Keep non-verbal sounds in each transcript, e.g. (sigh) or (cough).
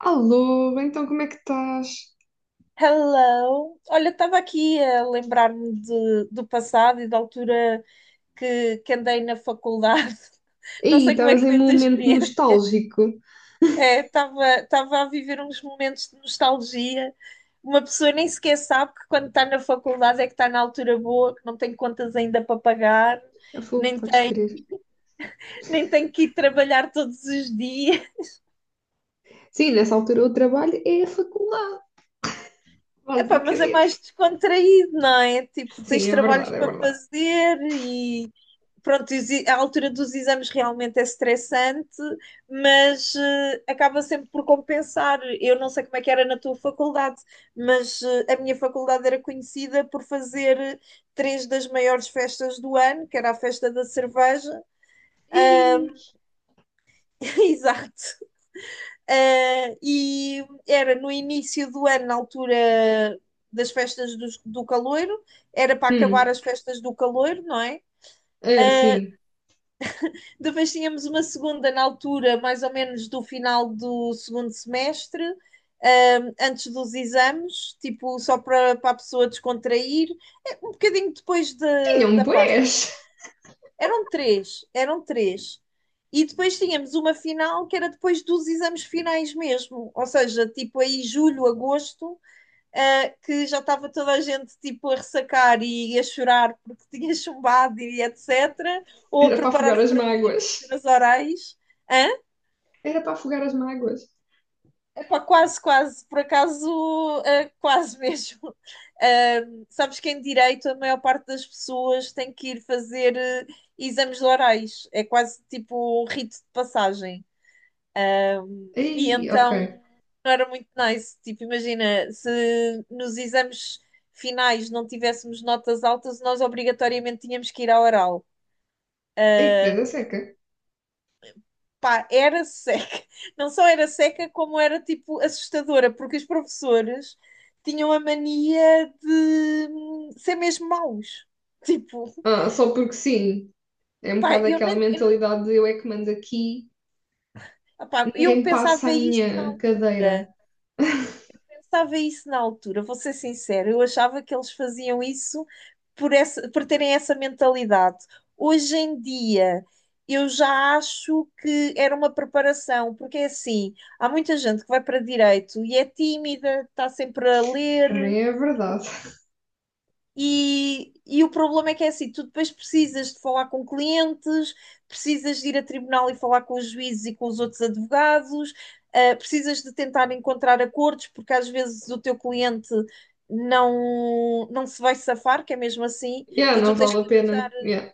Alô, então como é que estás? Hello! Olha, estava aqui a lembrar-me do passado e da altura que andei na faculdade. (laughs) Não Ei, sei como é estavas que em foi um a tua momento experiência. nostálgico. É, estava a viver uns momentos de nostalgia. Uma pessoa nem sequer sabe que, quando está na faculdade, é que está na altura boa, que não tem contas ainda para pagar, Eu falo, nem podes tem, crer. nem tem que ir trabalhar todos os dias. Sim, nessa altura o trabalho é a faculdade, Epá, mas é basicamente. mais descontraído, não é? Tipo, Sim, tens é trabalhos verdade, é para verdade. fazer, pronto, a altura dos exames realmente é estressante, mas acaba sempre por compensar. Eu não sei como é que era na tua faculdade, mas a minha faculdade era conhecida por fazer três das maiores festas do ano, que era a festa da cerveja. Ei, (laughs) Exato. E era no início do ano, na altura das festas do Caloiro, era para hum, acabar as festas do Caloiro, não é? é sim. Depois tínhamos uma segunda na altura, mais ou menos do final do segundo semestre, antes dos exames, tipo, só para a pessoa descontrair. É, um bocadinho depois da Tinham da Páscoa. bués. Eram três, eram três. E depois tínhamos uma final que era depois dos exames finais mesmo, ou seja, tipo aí julho, agosto, que já estava toda a gente tipo a ressacar e a chorar porque (laughs) tinha chumbado e etc. Ou a Era para afogar preparar-se as para vir mágoas. fazer as orais. Hã? Era para afogar as mágoas. Epá, quase, quase, por acaso, quase (laughs) mesmo. Sabes que em direito a maior parte das pessoas tem que ir fazer exames de orais, é quase tipo um rito de passagem. E Ei, ok. então não era muito nice. Tipo, imagina, se nos exames finais não tivéssemos notas altas, nós obrigatoriamente tínhamos que ir ao oral. Ei, que ganda seca. Pá, era seca. (laughs) Não só era seca, como era tipo assustadora, porque os professores tinham a mania de ser mesmo maus. Tipo, Ah, só porque sim. É um pá, bocado eu aquela nem, mentalidade de eu é que mando aqui, opá, eu ninguém passa pensava a isso na minha cadeira. altura. (laughs) Pensava isso na altura, vou ser sincera, eu achava que eles faziam isso por, essa, por terem essa mentalidade. Hoje em dia, eu já acho que era uma preparação, porque é assim, há muita gente que vai para direito e é tímida, está sempre a ler, Também é verdade. E o problema é que é assim, tu depois precisas de falar com clientes, precisas de ir a tribunal e falar com os juízes e com os outros advogados, precisas de tentar encontrar acordos, porque, às vezes, o teu cliente não, não se vai safar, que é mesmo assim, Yeah, e não tu tens vale que a arranjar. pena. Yeah.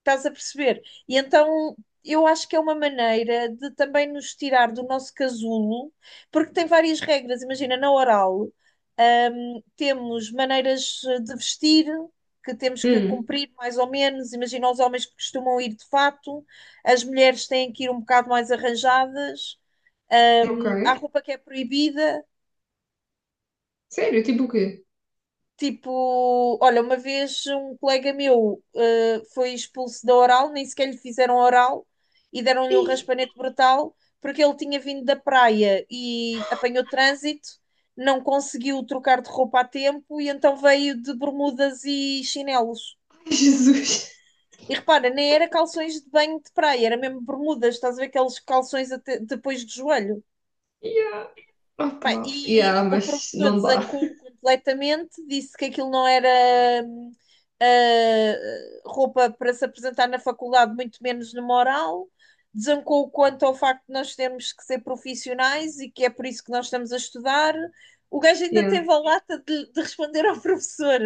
Estás a perceber? E então eu acho que é uma maneira de também nos tirar do nosso casulo, porque tem várias regras. Imagina, na oral, temos maneiras de vestir que temos que Hum, cumprir mais ou menos. Imagina, os homens que costumam ir de fato, as mulheres têm que ir um bocado mais arranjadas, ok. Há roupa que é proibida. Sério, tipo o quê? Tipo, olha, uma vez um colega meu foi expulso da oral, nem sequer lhe fizeram oral e deram-lhe um Ih, raspanete brutal, porque ele tinha vindo da praia e apanhou trânsito, não conseguiu trocar de roupa a tempo e então veio de bermudas e chinelos. ai, (laughs) Jesus. E repara, nem era calções de banho de praia, era mesmo bermudas, estás a ver, aqueles calções até depois do joelho. Yeah. Pá, Opa. e Yeah, o mas professor não dá. desancou completamente, disse que aquilo não era hum, roupa para se apresentar na faculdade, muito menos numa oral. Desancou quanto ao facto de nós termos que ser profissionais e que é por isso que nós estamos a estudar. O gajo ainda Yeah. teve a lata de responder ao (laughs) professor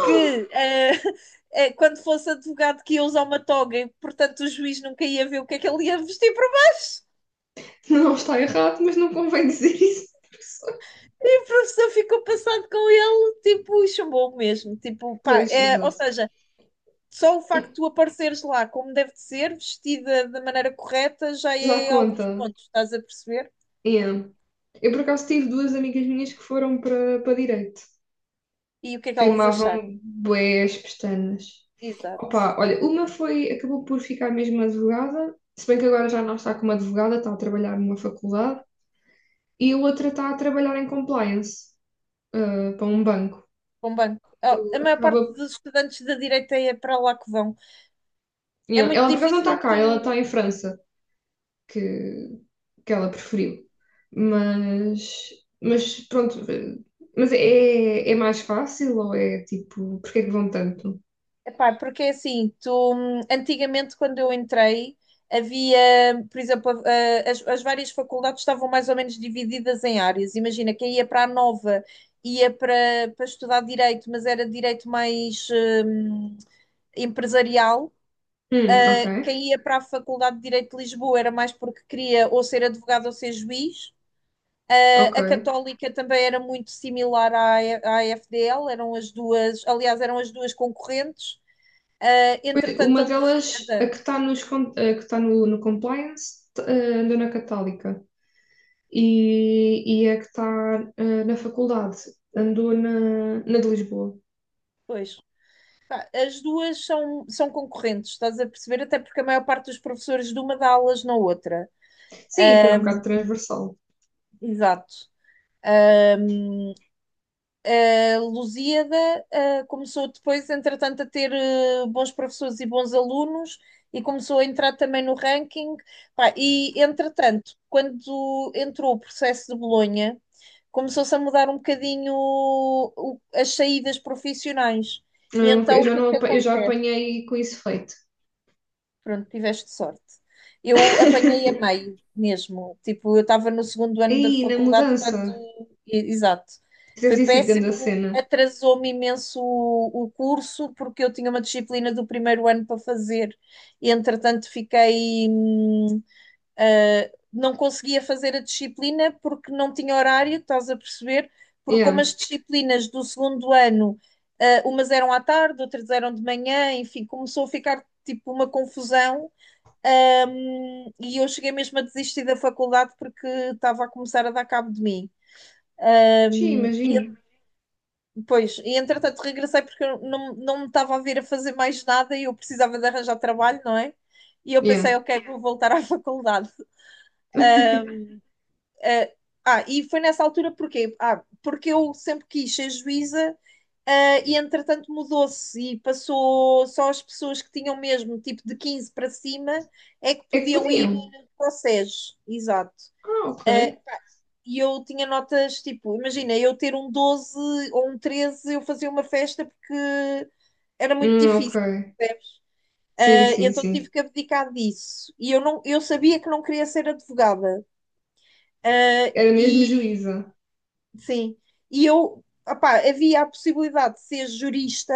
que ah, (laughs) quando fosse advogado, que ia usar uma toga e, portanto, o juiz nunca ia ver o que é que ele ia vestir por baixo. Não está errado, mas não convém dizer isso (laughs) à pessoa. O professor ficou passado com ele, tipo, chumbou mesmo. Tipo, pá, Pois, é, ou exato. seja, só o facto de tu apareceres lá como deve de ser, vestida da maneira correta, já Já é alguns conta. pontos, estás a perceber? Yeah. Eu por acaso tive duas amigas minhas que foram para direito. E o que é que elas Queimavam acharam? bué as pestanas. Exato, Opa, olha, uma foi, acabou por ficar mesmo advogada, se bem que agora já não está como advogada, está a trabalhar numa faculdade. E a outra está a trabalhar em compliance, ah, para um banco. bom banco. Oh, a Então, maior parte acaba... dos estudantes da direita é para lá que vão. É Yeah, muito ela por acaso não difícil está cá, ela está tu... em França, que, que ela preferiu. Mas, mas pronto, eh, mas é, é mais fácil ou é tipo, porque é que vão tanto? Epá, porque assim, tu, antigamente quando eu entrei, havia, por exemplo, as várias faculdades estavam mais ou menos divididas em áreas. Imagina, quem ia para a Nova ia para, para estudar direito, mas era direito mais hum, empresarial. Ok, Quem ia para a Faculdade de Direito de Lisboa era mais porque queria ou ser advogado ou ser juiz. ok. A Católica também era muito similar à, à FDL, eram as duas, aliás, eram as duas concorrentes. Ah, Pois, entretanto, a uma delas, a Lusíada, que está nos, con- a que está no, no compliance, t- eh, andou na Católica. E, e a que está eh, na faculdade, andou na, na de Lisboa. pois, pá, as duas são concorrentes, estás a perceber? Até porque a maior parte dos professores de uma dá aulas na outra. Sim, aquilo é Ah, um bocado transversal. exato. A Lusíada, começou depois, entretanto, a ter bons professores e bons alunos e começou a entrar também no ranking. Pá, e, entretanto, quando entrou o processo de Bolonha, começou-se a mudar um bocadinho as saídas profissionais. Eu E nunca- então, eu o já, que é não, que apa- eu já acontece? apanhei com isso feito. Pronto, tiveste sorte. Eu apanhei a (laughs) meio mesmo. Tipo, eu estava no segundo ano da Aí, na faculdade quando... mudança, Exato. deve Foi ter sido grande a péssimo, cena. atrasou-me imenso o curso, porque eu tinha uma disciplina do primeiro ano para fazer e, entretanto, fiquei. Não conseguia fazer a disciplina porque não tinha horário, estás a perceber? Porque, como Yeah. as disciplinas do segundo ano, umas eram à tarde, outras eram de manhã, enfim, começou a ficar tipo uma confusão, e eu cheguei mesmo a desistir da faculdade porque estava a começar a dar cabo de mim. Sim, E, imagino. pois, e entretanto regressei, porque eu não, não me estava a vir a fazer mais nada e eu precisava de arranjar trabalho, não é? E eu pensei, Yeah. ok, vou voltar à (laughs) faculdade. (laughs) Uh, e foi nessa altura, porquê? Ah, porque eu sempre quis ser juíza, e entretanto mudou-se e passou, só as pessoas que tinham mesmo tipo de 15 para cima é que É que podiam ir podiam. para o SES, exato. Ah, ok. Ah, e eu tinha notas, tipo, imagina, eu ter um 12 ou um 13 eu fazia uma festa, porque era muito Ok. difícil. Sim, Ah, sim, então tive sim. que abdicar disso. E eu, não, eu sabia que não queria ser advogada. Ah, Era mesmo e juíza. sim, e eu, opá, havia a possibilidade de ser jurista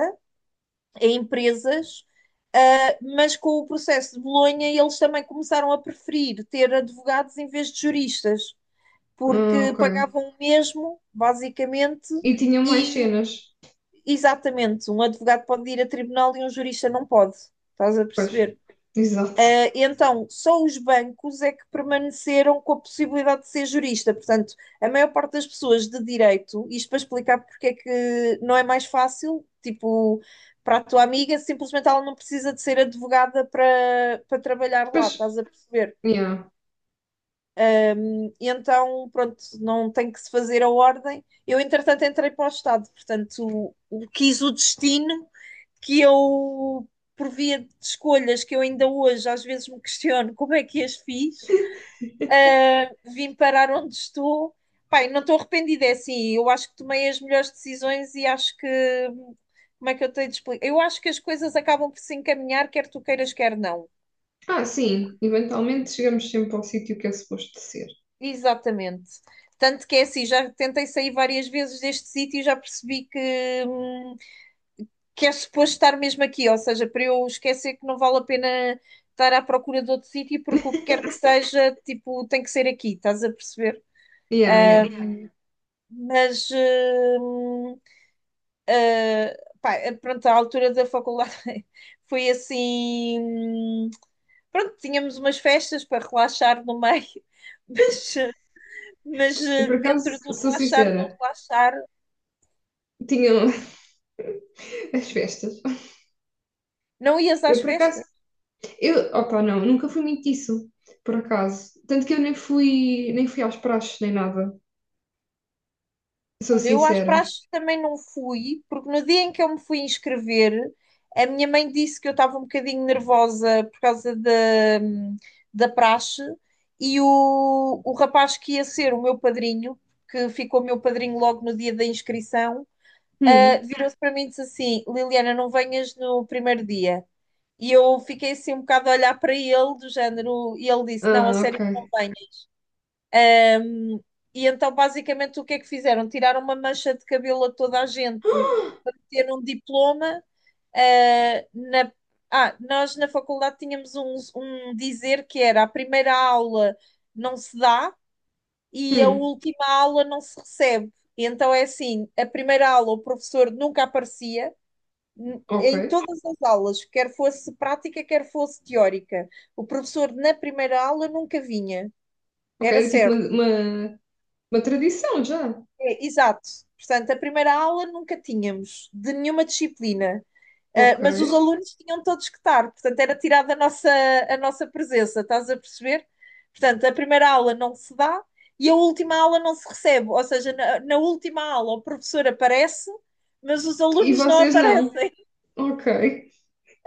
em empresas, mas com o processo de Bolonha eles também começaram a preferir ter advogados em vez de juristas, porque Ok. pagavam o mesmo, basicamente, E tinham mais e cenas. exatamente, um advogado pode ir a tribunal e um jurista não pode. Estás a Pois. perceber? Exato. Então, só os bancos é que permaneceram com a possibilidade de ser jurista. Portanto, a maior parte das pessoas de direito, isto para explicar porque é que não é mais fácil, tipo, para a tua amiga, simplesmente ela não precisa de ser advogada para, para trabalhar lá, Pois. estás a perceber? Yeah. E então, pronto, não tem que se fazer a ordem. Eu, entretanto, entrei para o Estado, portanto, quis o destino que eu, por via de escolhas que eu ainda hoje às vezes me questiono como é que as fiz, (laughs) vim parar onde estou. Pai, não estou arrependida, é assim, eu acho que tomei as melhores decisões e acho que... Como é que eu tenho de explicar? Eu acho que as coisas acabam por se encaminhar, quer tu queiras, quer não. Ah, sim. Eventualmente chegamos sempre ao sítio que é suposto ser. Exatamente. Tanto que é assim, já tentei sair várias vezes deste sítio e já percebi que é suposto estar mesmo aqui, ou seja, para eu esquecer, que não vale a pena estar à procura de outro sítio, porque o que quer que (laughs) seja, tipo, tem que ser aqui, estás a perceber? Yeah, yeah. Hum, mas, pá, pronto, a altura da faculdade (laughs) foi assim. Pronto, tínhamos umas festas para relaxar no meio, (laughs) mas, mas Eu eh, por acaso, dentro do sou sincera, relaxar. tinham (laughs) as festas. Não ias Eu às por acaso, festas? eu, opa, não, nunca fui muito disso, por acaso. Tanto que eu nem fui, nem fui aos praxes, nem nada. Sou Olha, eu às sincera. praxes também não fui, porque no dia em que eu me fui inscrever, a minha mãe disse que eu estava um bocadinho nervosa por causa da, da praxe, e o rapaz que ia ser o meu padrinho, que ficou meu padrinho logo no dia da inscrição, Hum, virou-se para mim e disse assim: "Liliana, não venhas no primeiro dia." E eu fiquei assim um bocado a olhar para ele, do género, e ele disse: "Não, a ah, sério, ok. não venho." E então, basicamente, o que é que fizeram? Tiraram uma mancha de cabelo a toda a gente para (gasps) ter um diploma. eh, na... Ah, nós, na faculdade, tínhamos um, um dizer que era: a primeira aula não se dá Ah, e a hum, última aula não se recebe. E então é assim, a primeira aula o professor nunca aparecia, ok. em todas as aulas, quer fosse prática, quer fosse teórica. O professor na primeira aula nunca vinha, Ok, era era tipo certo. Uma tradição já. É, exato. Portanto, a primeira aula nunca tínhamos de nenhuma disciplina, Ok. mas os alunos tinham todos que estar, portanto, era tirada a nossa presença, estás a perceber? Portanto, a primeira aula não se dá e a última aula não se recebe, ou seja, na, na última aula o professor aparece, mas os E alunos não vocês não. aparecem. Ok,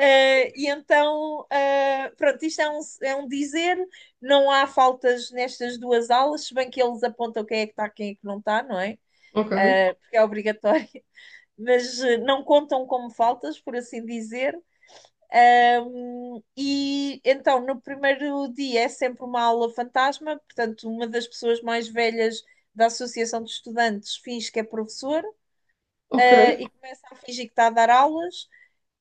E então, pronto, isto é um dizer, não há faltas nestas duas aulas, se bem que eles apontam quem é que está, quem é que não está, não é? ok, Ah, porque é obrigatório, mas não contam como faltas, por assim dizer. E então, no primeiro dia é sempre uma aula fantasma, portanto, uma das pessoas mais velhas da Associação de Estudantes finge que é professor, ok. E começa a fingir que está a dar aulas.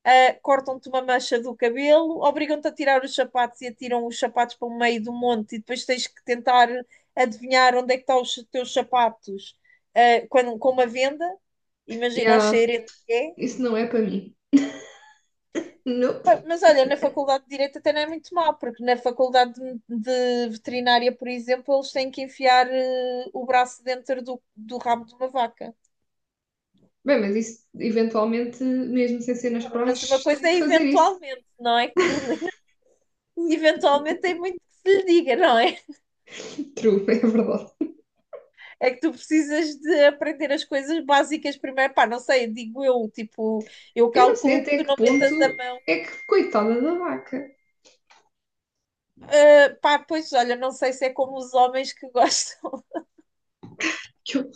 Cortam-te uma mancha do cabelo, obrigam-te a tirar os sapatos e atiram os sapatos para o meio do monte e depois tens que tentar adivinhar onde é que estão os teus sapatos, com uma venda. Imagina o Yeah, cheiro que é. isso não é para mim. Ah, Nope. mas olha, na Faculdade de Direito até não é muito mal, porque na faculdade de veterinária, por exemplo, eles têm que enfiar o braço dentro do, do rabo de uma vaca. Bem, mas isso, eventualmente, mesmo sem ser nas Mas uma praxes, tem coisa que é fazer isso. eventualmente, não é, Carlinhos? (laughs) Eventualmente tem muito que se lhe diga, não é? True, (laughs) é verdade. É que tu precisas de aprender as coisas básicas primeiro. Pá, não sei, digo eu, tipo, eu Eu não sei calculo que até tu que não ponto metas a mão. é que, coitada da vaca. Ah, pá, pois olha, não sei se é como os homens que gostam. Que eu-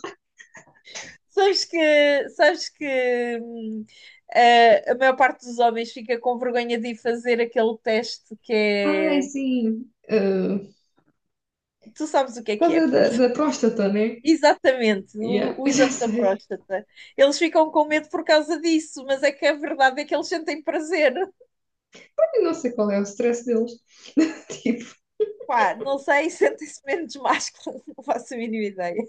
Sabes que hum, a maior parte dos homens fica com vergonha de ir fazer aquele teste que ai, é... sim. Ah, Tu sabes o por que é, causa da, pronto. da (laughs) próstata, né? Exatamente, Yeah, o, (laughs) o já exame da sei. próstata. Eles ficam com medo por causa disso, mas é que a verdade é que eles sentem prazer. Eu não sei qual é o stress deles. (laughs) Tipo, Pá, não sei, (laughs) sentem-se menos másculos, não faço a mínima ideia.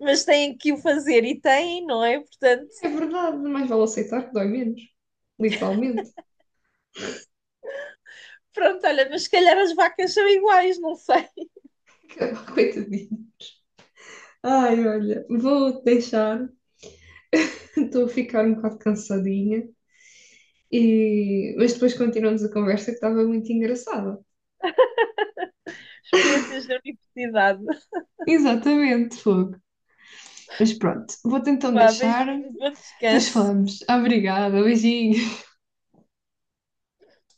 Mas têm que o fazer e têm, não é? Portanto, é verdade, mais vale aceitar que dói menos. Literalmente. pronto, olha, mas se calhar as vacas são iguais, não sei. (laughs) Coitadinho. Ai, olha, vou deixar. (laughs) Estou a ficar um bocado cansadinha. E... mas depois continuamos a conversa que estava muito engraçada. (laughs) Experiências da universidade. Exatamente, fogo. Mas pronto, vou-te então Vá, deixar. beijinho, bom Depois descanso. falamos. Obrigada, beijinho.